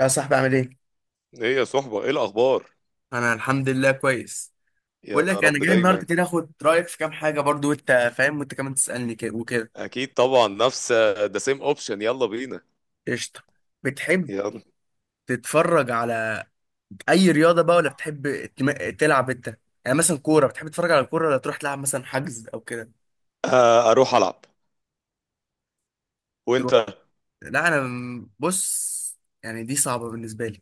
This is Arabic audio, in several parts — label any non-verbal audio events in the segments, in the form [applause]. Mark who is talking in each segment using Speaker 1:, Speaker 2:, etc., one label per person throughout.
Speaker 1: يا صاحبي عامل ايه؟
Speaker 2: ايه يا صحبة، ايه الاخبار؟
Speaker 1: انا الحمد لله كويس.
Speaker 2: يا
Speaker 1: بقول لك انا
Speaker 2: رب
Speaker 1: جاي النهارده
Speaker 2: دايما.
Speaker 1: كده اخد رايك في كام حاجه، برضو وانت فاهم وانت كمان تسالني كده وكده.
Speaker 2: اكيد طبعا، نفس ذا سيم اوبشن، يلا بينا.
Speaker 1: قشطه. بتحب
Speaker 2: يلا.
Speaker 1: تتفرج على اي رياضه بقى، ولا بتحب تلعب انت؟ يعني مثلا كوره، بتحب تتفرج على الكوره، ولا تروح تلعب مثلا حجز او كده؟
Speaker 2: آه، اروح العب.
Speaker 1: تروح.
Speaker 2: وانت؟
Speaker 1: لا انا بص، يعني دي صعبه بالنسبه لي.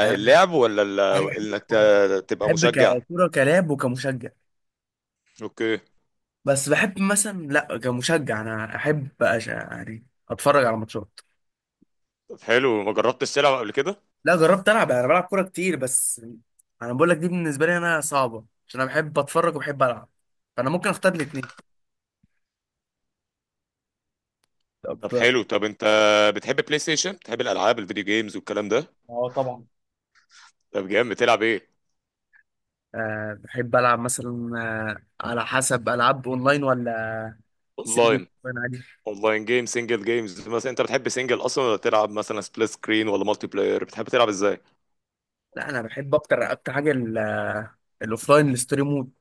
Speaker 1: يعني انا
Speaker 2: اللعب ولا
Speaker 1: انا بحب
Speaker 2: انك
Speaker 1: الكوره كده.
Speaker 2: ت- تبقى
Speaker 1: بحب
Speaker 2: مشجع.
Speaker 1: ككوره، كلاعب وكمشجع.
Speaker 2: اوكي.
Speaker 1: بس بحب مثلا، لا، كمشجع انا احب يعني اتفرج على ماتشات.
Speaker 2: طب حلو، ما جربتش تلعب قبل كده؟
Speaker 1: لا جربت العب، انا بلعب كوره كتير، بس انا بقول لك دي بالنسبه لي انا صعبه، عشان انا بحب اتفرج وبحب العب، فانا ممكن اختار الاثنين. طب.
Speaker 2: طب حلو، طب انت بتحب بلاي ستيشن، بتحب الالعاب الفيديو جيمز والكلام ده؟
Speaker 1: اه طبعا.
Speaker 2: طب جامد، بتلعب ايه؟
Speaker 1: أه بحب العب مثلا. أه على حسب، العاب اونلاين ولا سنجل،
Speaker 2: اونلاين.
Speaker 1: انا عادي.
Speaker 2: اونلاين جيم، سنجل جيمز، مثلا انت بتحب سنجل اصلا ولا تلعب مثلا سبليت سكرين ولا مالتي بلاير؟ بتحب تلعب ازاي؟
Speaker 1: لا انا بحب اكتر، حاجه الاوفلاين، الستوري مود.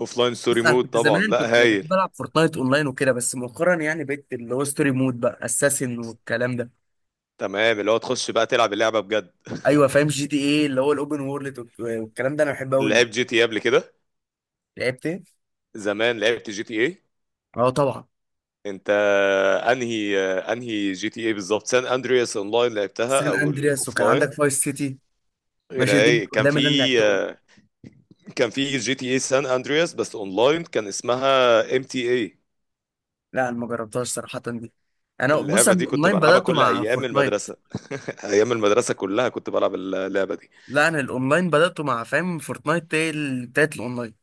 Speaker 2: اوفلاين ستوري
Speaker 1: بص انا
Speaker 2: مود
Speaker 1: كنت
Speaker 2: طبعا،
Speaker 1: زمان
Speaker 2: لا
Speaker 1: كنت
Speaker 2: هايل.
Speaker 1: بحب العب فورتنايت اونلاين وكده، بس مؤخرا يعني بقيت اللي هو ستوري مود بقى اساسن والكلام ده.
Speaker 2: تمام، اللي هو تخش بقى تلعب اللعبه بجد.
Speaker 1: ايوه فاهم، جي تي ايه، اللي هو الاوبن وورلد والكلام ده، انا بحبه قوي.
Speaker 2: لعب جي تي اي قبل كده؟
Speaker 1: لعبت إيه؟
Speaker 2: زمان لعبت جي تي اي.
Speaker 1: اه طبعا.
Speaker 2: انت، انهي انهي جي تي اي بالظبط؟ سان اندرياس؟ اونلاين لعبتها
Speaker 1: سان
Speaker 2: او
Speaker 1: اندرياس، وكان
Speaker 2: الاوفلاين؟
Speaker 1: عندك فايس سيتي.
Speaker 2: غير
Speaker 1: ماشي، دول
Speaker 2: ايه كان
Speaker 1: قدام اللي انا
Speaker 2: في؟
Speaker 1: لعبتهم.
Speaker 2: كان في جي تي اي سان اندرياس، بس اونلاين كان اسمها ام تي اي.
Speaker 1: لا انا ما جربتهاش صراحه دي. انا بص،
Speaker 2: اللعبه
Speaker 1: انا
Speaker 2: دي كنت
Speaker 1: الاونلاين
Speaker 2: بلعبها
Speaker 1: بداته
Speaker 2: كل
Speaker 1: مع
Speaker 2: ايام
Speaker 1: فورتنايت.
Speaker 2: المدرسه. [laughs] ايام المدرسه كلها كنت بلعب اللعبه دي.
Speaker 1: لا انا الاونلاين بداته مع، فاهم، فورتنايت هي بتاعت الاونلاين.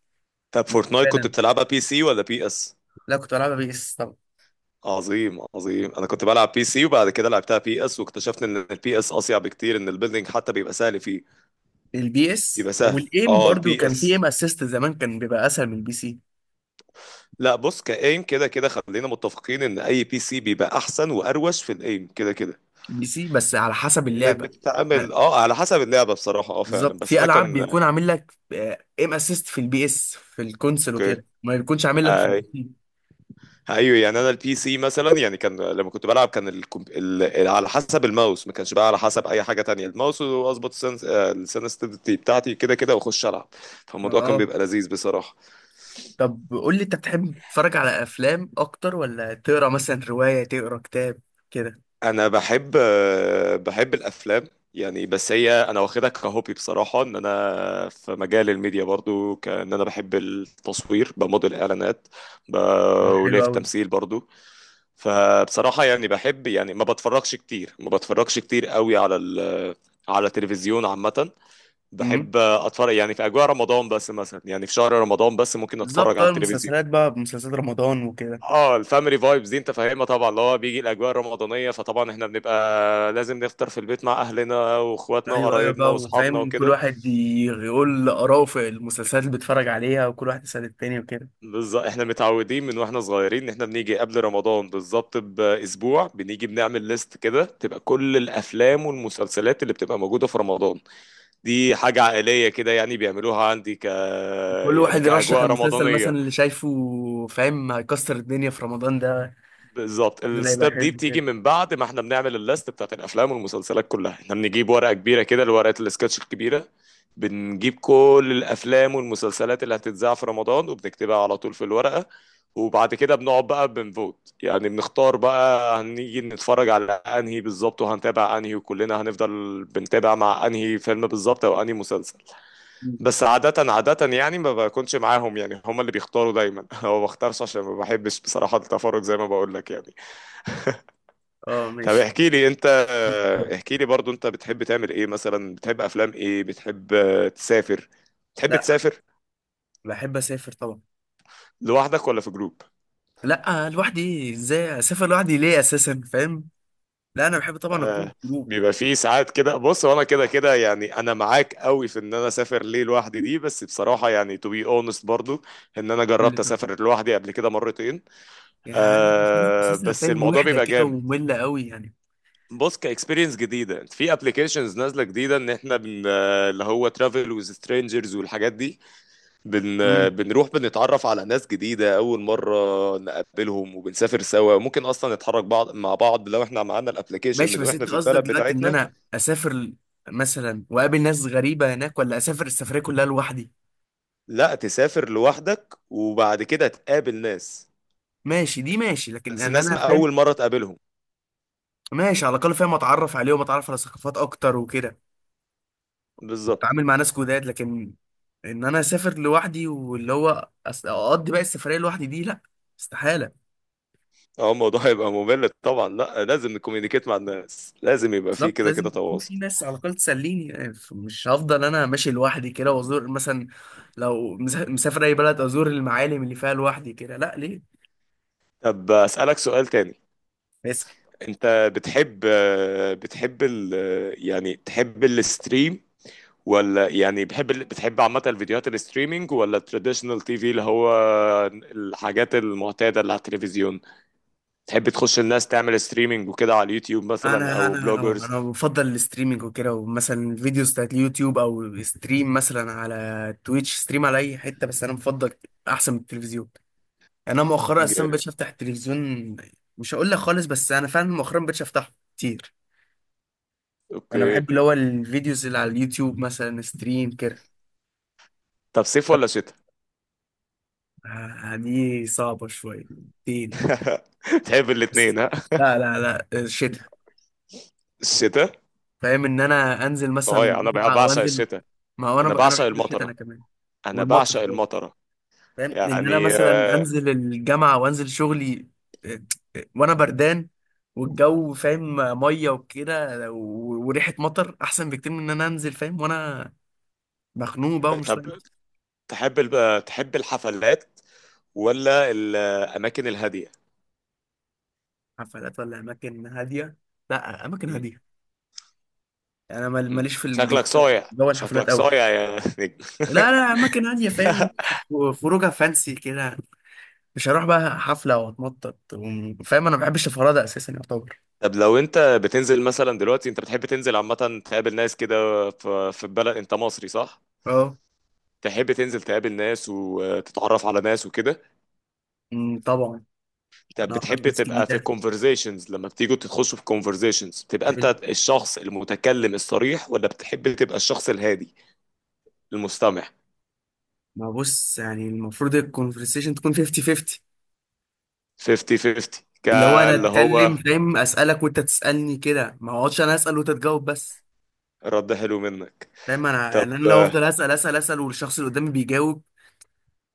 Speaker 2: طب فورتنايت كنت
Speaker 1: فعلا.
Speaker 2: بتلعبها بي سي ولا بي اس؟
Speaker 1: لا كنت بلعبها بي اس طبعا.
Speaker 2: عظيم عظيم. انا كنت بلعب بي سي وبعد كده لعبتها بي اس، واكتشفت ان البي اس اصيع بكتير، ان البيلدينج حتى بيبقى سهل فيه.
Speaker 1: البي اس
Speaker 2: بيبقى سهل
Speaker 1: والايم
Speaker 2: اه
Speaker 1: برضو
Speaker 2: البي
Speaker 1: كان في
Speaker 2: اس.
Speaker 1: ايم اسيست زمان، كان بيبقى اسهل من البي سي.
Speaker 2: لا بص، كايم كده كده خلينا متفقين ان اي بي سي بيبقى احسن واروش في الايم كده كده.
Speaker 1: بي سي، بس على حسب
Speaker 2: انك
Speaker 1: اللعبه.
Speaker 2: بتتعامل
Speaker 1: لا،
Speaker 2: على حسب اللعبه بصراحه، فعلا،
Speaker 1: بالظبط
Speaker 2: بس
Speaker 1: في
Speaker 2: انا
Speaker 1: العاب
Speaker 2: كان.
Speaker 1: بيكون عامل لك ايم اسيست في البي اس في الكونسل
Speaker 2: اوكي.
Speaker 1: وكده، ما بيكونش عامل لك في
Speaker 2: آه،
Speaker 1: البي سي.
Speaker 2: ايوه يعني انا البي سي مثلا، يعني كان لما كنت بلعب كان على حسب الماوس، ما كانش بقى على حسب اي حاجه تانية، الماوس، واظبط السنسitivity بتاعتي كده كده واخش العب. فالموضوع كان
Speaker 1: اه.
Speaker 2: بيبقى لذيذ بصراحه.
Speaker 1: طب قول لي، انت بتحب تتفرج على افلام اكتر، ولا تقرا مثلا روايه، تقرا كتاب كده؟
Speaker 2: انا بحب، الافلام. يعني بس هي انا واخدها كهوبي بصراحه، ان انا في مجال الميديا برضو، كان انا بحب التصوير بموديل اعلانات. ب...
Speaker 1: حلو
Speaker 2: وليا في
Speaker 1: قوي.
Speaker 2: التمثيل برضو. فبصراحة يعني بحب، يعني ما بتفرجش كتير قوي على التلفزيون عامة.
Speaker 1: امم
Speaker 2: بحب اتفرج يعني في اجواء رمضان بس، مثلا يعني في شهر رمضان بس ممكن اتفرج
Speaker 1: بالظبط،
Speaker 2: على
Speaker 1: اه،
Speaker 2: التلفزيون.
Speaker 1: المسلسلات بقى، مسلسلات رمضان وكده.
Speaker 2: اه الفاميلي فايبز دي انت فاهمها طبعا، اللي هو بيجي الاجواء الرمضانية، فطبعا احنا بنبقى لازم نفطر في البيت مع اهلنا واخواتنا
Speaker 1: ايوه ايوه،
Speaker 2: وقرايبنا
Speaker 1: بقى
Speaker 2: واصحابنا
Speaker 1: فاهم، كل
Speaker 2: وكده.
Speaker 1: واحد يقول اراءه في المسلسلات اللي بيتفرج عليها، وكل واحد يسأل التاني وكده.
Speaker 2: بالظبط احنا متعودين من واحنا صغيرين ان احنا بنيجي قبل رمضان بالظبط باسبوع، بنيجي بنعمل ليست كده تبقى كل الافلام والمسلسلات اللي بتبقى موجودة في رمضان. دي حاجة عائلية كده، يعني بيعملوها عندي
Speaker 1: كل
Speaker 2: يعني
Speaker 1: واحد يرشح
Speaker 2: كأجواء
Speaker 1: المسلسل
Speaker 2: رمضانية.
Speaker 1: مثلا اللي شايفه، فاهم، هيكسر الدنيا في رمضان ده.
Speaker 2: بالظبط،
Speaker 1: ده يبقى
Speaker 2: الستاب دي
Speaker 1: حلو
Speaker 2: بتيجي
Speaker 1: كده.
Speaker 2: من بعد ما احنا بنعمل الليست بتاعت الأفلام والمسلسلات كلها. احنا بنجيب ورقة كبيرة كده، الورقة السكتش الكبيرة، بنجيب كل الأفلام والمسلسلات اللي هتتذاع في رمضان وبنكتبها على طول في الورقة. وبعد كده بنقعد بقى بنفوت، يعني بنختار بقى هنيجي نتفرج على انهي بالظبط وهنتابع انهي، وكلنا هنفضل بنتابع مع انهي فيلم بالظبط او انهي مسلسل.
Speaker 1: مم.
Speaker 2: بس عادة يعني ما بكونش معاهم، يعني هما اللي بيختاروا دايما. [laughs] هو ما بختارش عشان ما بحبش بصراحة التفرج، زي ما بقول لك يعني.
Speaker 1: اه
Speaker 2: طب
Speaker 1: ماشي.
Speaker 2: احكي لي انت، احكي لي برضو، انت بتحب تعمل ايه، مثلا بتحب افلام ايه، بتحب تسافر؟ بتحب
Speaker 1: لا
Speaker 2: تسافر
Speaker 1: بحب اسافر طبعا.
Speaker 2: لوحدك ولا في جروب؟
Speaker 1: لا، لوحدي؟ ازاي اسافر لوحدي؟ ليه اساسا، فاهم؟ لا انا بحب طبعا اكون
Speaker 2: آه،
Speaker 1: في جروب.
Speaker 2: بيبقى فيه ساعات كده، بص وانا كده كده يعني انا معاك قوي في ان انا اسافر ليه لوحدي دي، بس بصراحة يعني to be honest برضو ان انا
Speaker 1: واللي،
Speaker 2: جربت
Speaker 1: طب،
Speaker 2: اسافر لوحدي قبل كده مرتين.
Speaker 1: يعني بس انا
Speaker 2: آه،
Speaker 1: حاسسها،
Speaker 2: بس
Speaker 1: فاهم،
Speaker 2: الموضوع
Speaker 1: وحده
Speaker 2: بيبقى
Speaker 1: كده
Speaker 2: جامد.
Speaker 1: وممله قوي يعني.
Speaker 2: بص، كاكسبيرينس جديده في ابلكيشنز نازله جديده، ان احنا اللي هو ترافل وذ سترينجرز والحاجات دي، بن
Speaker 1: امم،
Speaker 2: بنروح بنتعرف على ناس جديده اول مره نقابلهم وبنسافر سوا، ممكن اصلا نتحرك بعض مع بعض لو احنا معانا الابلكيشن
Speaker 1: ماشي،
Speaker 2: من
Speaker 1: بس
Speaker 2: واحنا
Speaker 1: انت
Speaker 2: في
Speaker 1: قصدك
Speaker 2: البلد
Speaker 1: دلوقتي ان
Speaker 2: بتاعتنا.
Speaker 1: انا اسافر مثلا واقابل ناس غريبه هناك، ولا اسافر السفريه كلها لوحدي؟
Speaker 2: لا، تسافر لوحدك وبعد كده تقابل ناس.
Speaker 1: ماشي، دي ماشي، لكن
Speaker 2: بس
Speaker 1: ان
Speaker 2: ناس
Speaker 1: انا،
Speaker 2: ما
Speaker 1: فاهم،
Speaker 2: اول مره تقابلهم.
Speaker 1: ماشي على الاقل، فاهم، اتعرف عليهم، اتعرف على ثقافات اكتر وكده،
Speaker 2: بالظبط.
Speaker 1: واتعامل مع ناس جداد. لكن ان انا اسافر لوحدي واللي هو اقضي بقى السفريه لوحدي، دي لا، استحاله.
Speaker 2: اه الموضوع [laughs] هيبقى ممل طبعا، لا لازم نكوميونيكيت مع الناس، لازم يبقى فيه
Speaker 1: بالظبط،
Speaker 2: كده
Speaker 1: لازم
Speaker 2: كده
Speaker 1: يكون
Speaker 2: تواصل.
Speaker 1: في ناس على الأقل تسليني، يعني مش هفضل أنا ماشي لوحدي كده وأزور مثلا، لو مسافر أي بلد، أزور المعالم اللي فيها لوحدي كده؟ لا، ليه؟
Speaker 2: طب اسالك سؤال تاني.
Speaker 1: اسأل.
Speaker 2: انت بتحب بتحب ال يعني تحب الستريم، ولا يعني بتحب عامة الفيديوهات؟ الستريمينج ولا التراديشنال تي في، اللي هو الحاجات المعتادة اللي على التلفزيون؟ تحب تخش الناس تعمل ستريمينج وكده على اليوتيوب مثلا
Speaker 1: أنا
Speaker 2: او
Speaker 1: أنا أو
Speaker 2: بلوجرز؟
Speaker 1: أنا بفضل الاستريمينج وكده، ومثلا فيديوز بتاعت اليوتيوب، أو ستريم مثلا على تويتش، ستريم على أي حتة، بس أنا بفضل أحسن من التلفزيون. يعني أنا مؤخرا أصلا مبقتش أفتح التلفزيون. مش هقول لك خالص، بس أنا فعلا مؤخرا مبقتش أفتحه كتير. أنا
Speaker 2: اوكي.
Speaker 1: بحب اللي هو الفيديوز اللي على اليوتيوب مثلا، ستريم كده.
Speaker 2: طب صيف ولا شتاء؟
Speaker 1: دي صعبة شوية. تين.
Speaker 2: [laughs] تحب
Speaker 1: بس،
Speaker 2: الاتنين ها.
Speaker 1: لا، لا الشتاء.
Speaker 2: الشتاء.
Speaker 1: فاهم ان انا انزل مثلا
Speaker 2: صحيح، انا بع-
Speaker 1: الجامعة او
Speaker 2: بعشق
Speaker 1: انزل،
Speaker 2: الشتاء.
Speaker 1: ما هو انا
Speaker 2: انا
Speaker 1: انا
Speaker 2: بعشق
Speaker 1: بحب الشتاء انا
Speaker 2: المطرة،
Speaker 1: كمان.
Speaker 2: انا بعشق
Speaker 1: والمطر.
Speaker 2: المطرة،
Speaker 1: فاهم ان انا
Speaker 2: يعني
Speaker 1: مثلا انزل الجامعة وانزل شغلي، آه، وانا بردان، والجو، فاهم، مية وكده، وريحة مطر احسن بكتير من ان انا انزل، فاهم، وانا مخنوق بقى ومش
Speaker 2: طب
Speaker 1: طايق.
Speaker 2: تحب تحب الحفلات ولا الأماكن الهادية؟
Speaker 1: حفلات ولا اماكن هادية؟ لا اماكن
Speaker 2: مم.
Speaker 1: هادية. انا
Speaker 2: مم.
Speaker 1: ماليش في
Speaker 2: شكلك صايع،
Speaker 1: جو الحفلات
Speaker 2: شكلك
Speaker 1: قوي.
Speaker 2: صايع يا نجم.
Speaker 1: لا لا، اماكن هاديه، فاهم،
Speaker 2: [laughs]
Speaker 1: خروجه فانسي كده، مش هروح بقى حفله واتنطط فاهم انا ما بحبش الفرادة اساسا، يعتبر.
Speaker 2: طب لو أنت بتنزل مثلا دلوقتي أنت بتحب تنزل عامة تقابل ناس كده في البلد؟ أنت مصري صح؟
Speaker 1: اه.
Speaker 2: تحب تنزل تقابل ناس وتتعرف على ناس وكده؟
Speaker 1: أمم، طبعا.
Speaker 2: طب
Speaker 1: انا اعرف
Speaker 2: بتحب
Speaker 1: ناس
Speaker 2: تبقى في
Speaker 1: جديده،
Speaker 2: الكونفرزيشنز، لما بتيجوا تخشوا في كونفرزيشنز بتبقى أنت
Speaker 1: حلو.
Speaker 2: الشخص المتكلم الصريح ولا بتحب تبقى الشخص الهادي المستمع؟
Speaker 1: ما بص يعني، المفروض الكونفرسيشن تكون 50 50،
Speaker 2: 50 50
Speaker 1: اللي هو انا
Speaker 2: كاللي
Speaker 1: اتكلم،
Speaker 2: هو.
Speaker 1: فاهم، اسالك وانت تسالني كده، ما اقعدش انا اسال وانت تجاوب بس.
Speaker 2: رد حلو منك.
Speaker 1: فاهم؟ انا
Speaker 2: طب
Speaker 1: يعني انا لو افضل اسال اسال اسال، والشخص اللي قدامي بيجاوب،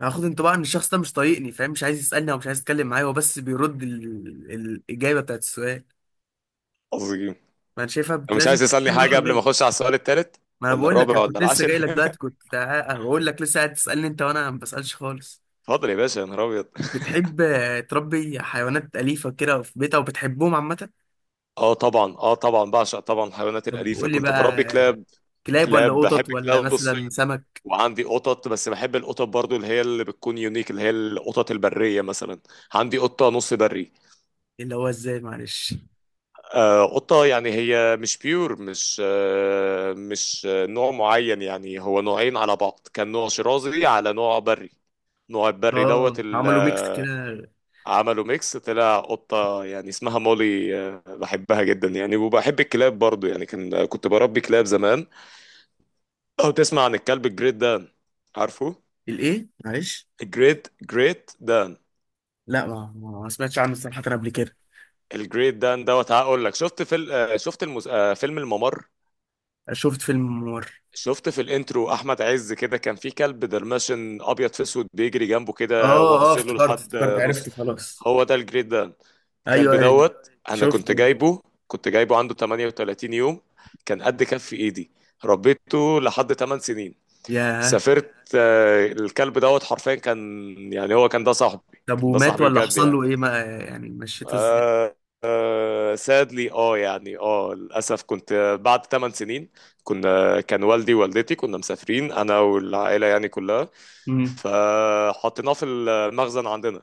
Speaker 1: هاخد انطباع ان الشخص ده مش طايقني، فاهم، مش عايز يسالني او مش عايز يتكلم معايا، هو بس بيرد الاجابه بتاعت السؤال.
Speaker 2: عظيم،
Speaker 1: ما انا شايفها
Speaker 2: لو مش
Speaker 1: لازم.
Speaker 2: عايز تسألني
Speaker 1: كام
Speaker 2: حاجة
Speaker 1: راحه
Speaker 2: قبل ما
Speaker 1: جايه؟
Speaker 2: أخش على السؤال التالت
Speaker 1: ما انا
Speaker 2: ولا
Speaker 1: بقول لك،
Speaker 2: الرابع
Speaker 1: انا
Speaker 2: ولا
Speaker 1: كنت لسه
Speaker 2: العاشر.
Speaker 1: جاي لك
Speaker 2: [laughs]
Speaker 1: دلوقتي كنت هقول لك، لسه قاعد تسالني انت وانا ما بسالش خالص.
Speaker 2: اتفضل يا باشا يا نهار أبيض.
Speaker 1: بتحب تربي حيوانات اليفه كده في بيتها، وبتحبهم عامه؟
Speaker 2: أه طبعا، أه طبعا بعشق طبعا الحيوانات
Speaker 1: طب
Speaker 2: الأليفة،
Speaker 1: قول لي
Speaker 2: كنت
Speaker 1: بقى،
Speaker 2: بربي كلاب.
Speaker 1: كلاب ولا
Speaker 2: كلاب، بحب
Speaker 1: قطط ولا
Speaker 2: كلاب
Speaker 1: مثلا
Speaker 2: الصيد
Speaker 1: سمك؟
Speaker 2: وعندي قطط، بس بحب القطط برضو اللي هي اللي بتكون يونيك، اللي هي القطط البرية مثلا. عندي قطة نص بري.
Speaker 1: اللي هو ازاي، معلش؟
Speaker 2: آه قطة يعني هي مش بيور، مش نوع معين، يعني هو نوعين على بعض، كان نوع شرازي على نوع بري. نوع البري دوت،
Speaker 1: اه، عملوا ميكس كده.
Speaker 2: عملوا ميكس طلع قطة، يعني اسمها مولي، بحبها جدا يعني. وبحب الكلاب برضو يعني، كان كنت بربي كلاب زمان. او تسمع عن الكلب الجريت دان؟ عارفه؟
Speaker 1: الايه، معلش؟
Speaker 2: الجريت دان.
Speaker 1: لا ما ما سمعتش عنه صراحه قبل كده.
Speaker 2: الجريت دان دوت، هقول لك. شفت في ال- آه، شفت المس... آه، فيلم الممر.
Speaker 1: شفت فيلم ممر؟
Speaker 2: شفت في الانترو احمد عز كده، كان في كلب درماشن ابيض في اسود بيجري جنبه كده،
Speaker 1: اه اه،
Speaker 2: واصله
Speaker 1: افتكرت،
Speaker 2: لحد
Speaker 1: افتكرت،
Speaker 2: نص.
Speaker 1: عرفت خلاص.
Speaker 2: هو ده الجريت دان. كلب
Speaker 1: ايوه ايوه،
Speaker 2: دوت انا كنت
Speaker 1: شفته.
Speaker 2: جايبه، عنده 38 يوم، كان قد كف ايدي، ربيته لحد 8 سنين.
Speaker 1: ياه.
Speaker 2: سافرت، الكلب دوت حرفيا كان، يعني هو
Speaker 1: طب
Speaker 2: كان ده
Speaker 1: ومات
Speaker 2: صاحبي
Speaker 1: ولا
Speaker 2: بجد
Speaker 1: حصل
Speaker 2: يعني.
Speaker 1: له ايه؟ ما يعني مشيته ازاي؟
Speaker 2: آه سادلي، يعني للاسف كنت بعد 8 سنين، كان والدي ووالدتي، كنا مسافرين انا والعائله يعني كلها،
Speaker 1: امم
Speaker 2: فحطيناه في المخزن عندنا،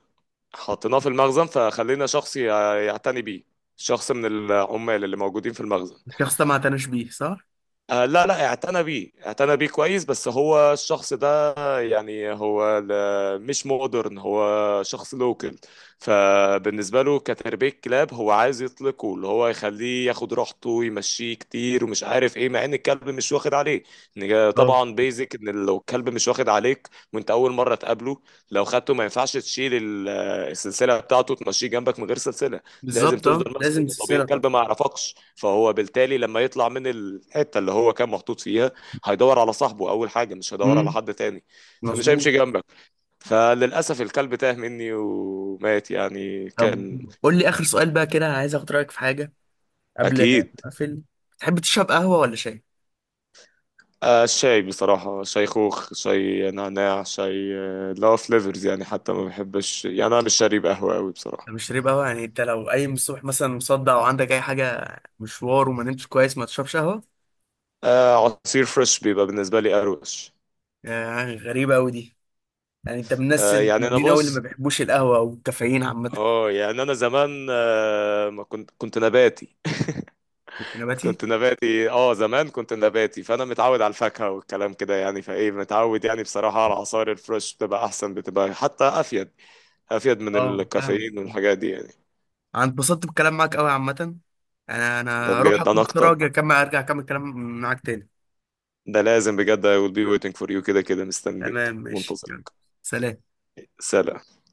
Speaker 2: حطيناه في المخزن فخلينا شخص يعتني بيه، شخص من العمال اللي موجودين في المخزن.
Speaker 1: الشخص ده ما اعتناش بيه، صح؟
Speaker 2: آه لا لا، اعتنى بيه، كويس، بس هو الشخص ده يعني هو مش مودرن، هو شخص لوكل. فبالنسبة له كتربية كلاب هو عايز يطلقه، اللي هو يخليه ياخد راحته ويمشيه كتير ومش عارف ايه، مع ان الكلب مش واخد عليه.
Speaker 1: اه
Speaker 2: طبعا بيزك ان لو الكلب مش واخد عليك وانت اول مرة تقابله، لو خدته ما ينفعش تشيل السلسلة بتاعته تمشيه جنبك من غير سلسلة. لازم
Speaker 1: بالظبط، اه،
Speaker 2: تفضل ماسكه،
Speaker 1: لازم
Speaker 2: انه طبيعي
Speaker 1: سلسلة طبعا.
Speaker 2: الكلب ما يعرفكش، فهو بالتالي لما يطلع من الحته اللي هو كان محطوط فيها هيدور على صاحبه اول حاجه، مش هيدور على
Speaker 1: امم،
Speaker 2: حد تاني. فمش
Speaker 1: مظبوط.
Speaker 2: هيمشي جنبك. فللاسف الكلب تاه مني ومات، يعني
Speaker 1: طب
Speaker 2: كان.
Speaker 1: قول لي اخر سؤال بقى كده، عايز اخد رايك في حاجه قبل ما
Speaker 2: اكيد.
Speaker 1: اقفل. تحب تشرب قهوه ولا شاي؟
Speaker 2: آه الشاي بصراحة، شاي خوخ، شاي نعناع، شاي اللي هو فليفرز يعني، حتى ما بحبش يعني، أنا مش شارب قهوة أوي بصراحة.
Speaker 1: انا مش شارب قهوه، يعني انت لو قايم الصبح مثلا مصدع، او عندك اي حاجه، مشوار، وما نمتش كويس، ما تشربش قهوه؟
Speaker 2: آه عصير فريش بيبقى بالنسبة لي أروش.
Speaker 1: آه، غريبه قوي دي. يعني انت من الناس
Speaker 2: آه يعني أنا
Speaker 1: القليلين قوي اللي ما
Speaker 2: بص،
Speaker 1: بيحبوش القهوة والكافيين عامة.
Speaker 2: اه يعني انا زمان آه، ما كنت كنت نباتي.
Speaker 1: كنت
Speaker 2: [laughs]
Speaker 1: نباتي.
Speaker 2: كنت نباتي، زمان كنت نباتي، فانا متعود على الفاكهه والكلام كده يعني، فايه متعود يعني بصراحه على عصائر الفريش، بتبقى احسن، بتبقى حتى افيد، من
Speaker 1: اه فاهم.
Speaker 2: الكافيين والحاجات دي يعني.
Speaker 1: انا اتبسطت بالكلام معاك قوي عامة. انا
Speaker 2: ده
Speaker 1: انا اروح
Speaker 2: بجد
Speaker 1: اكل
Speaker 2: انا
Speaker 1: بسرعة
Speaker 2: اكتر،
Speaker 1: واجي اكمل، ارجع اكمل كلام معاك تاني.
Speaker 2: ده لازم بجد I will be waiting for you، كده كده
Speaker 1: تمام،
Speaker 2: مستنيك
Speaker 1: ماشي،
Speaker 2: منتظر.
Speaker 1: يلا. سلام.
Speaker 2: سلام.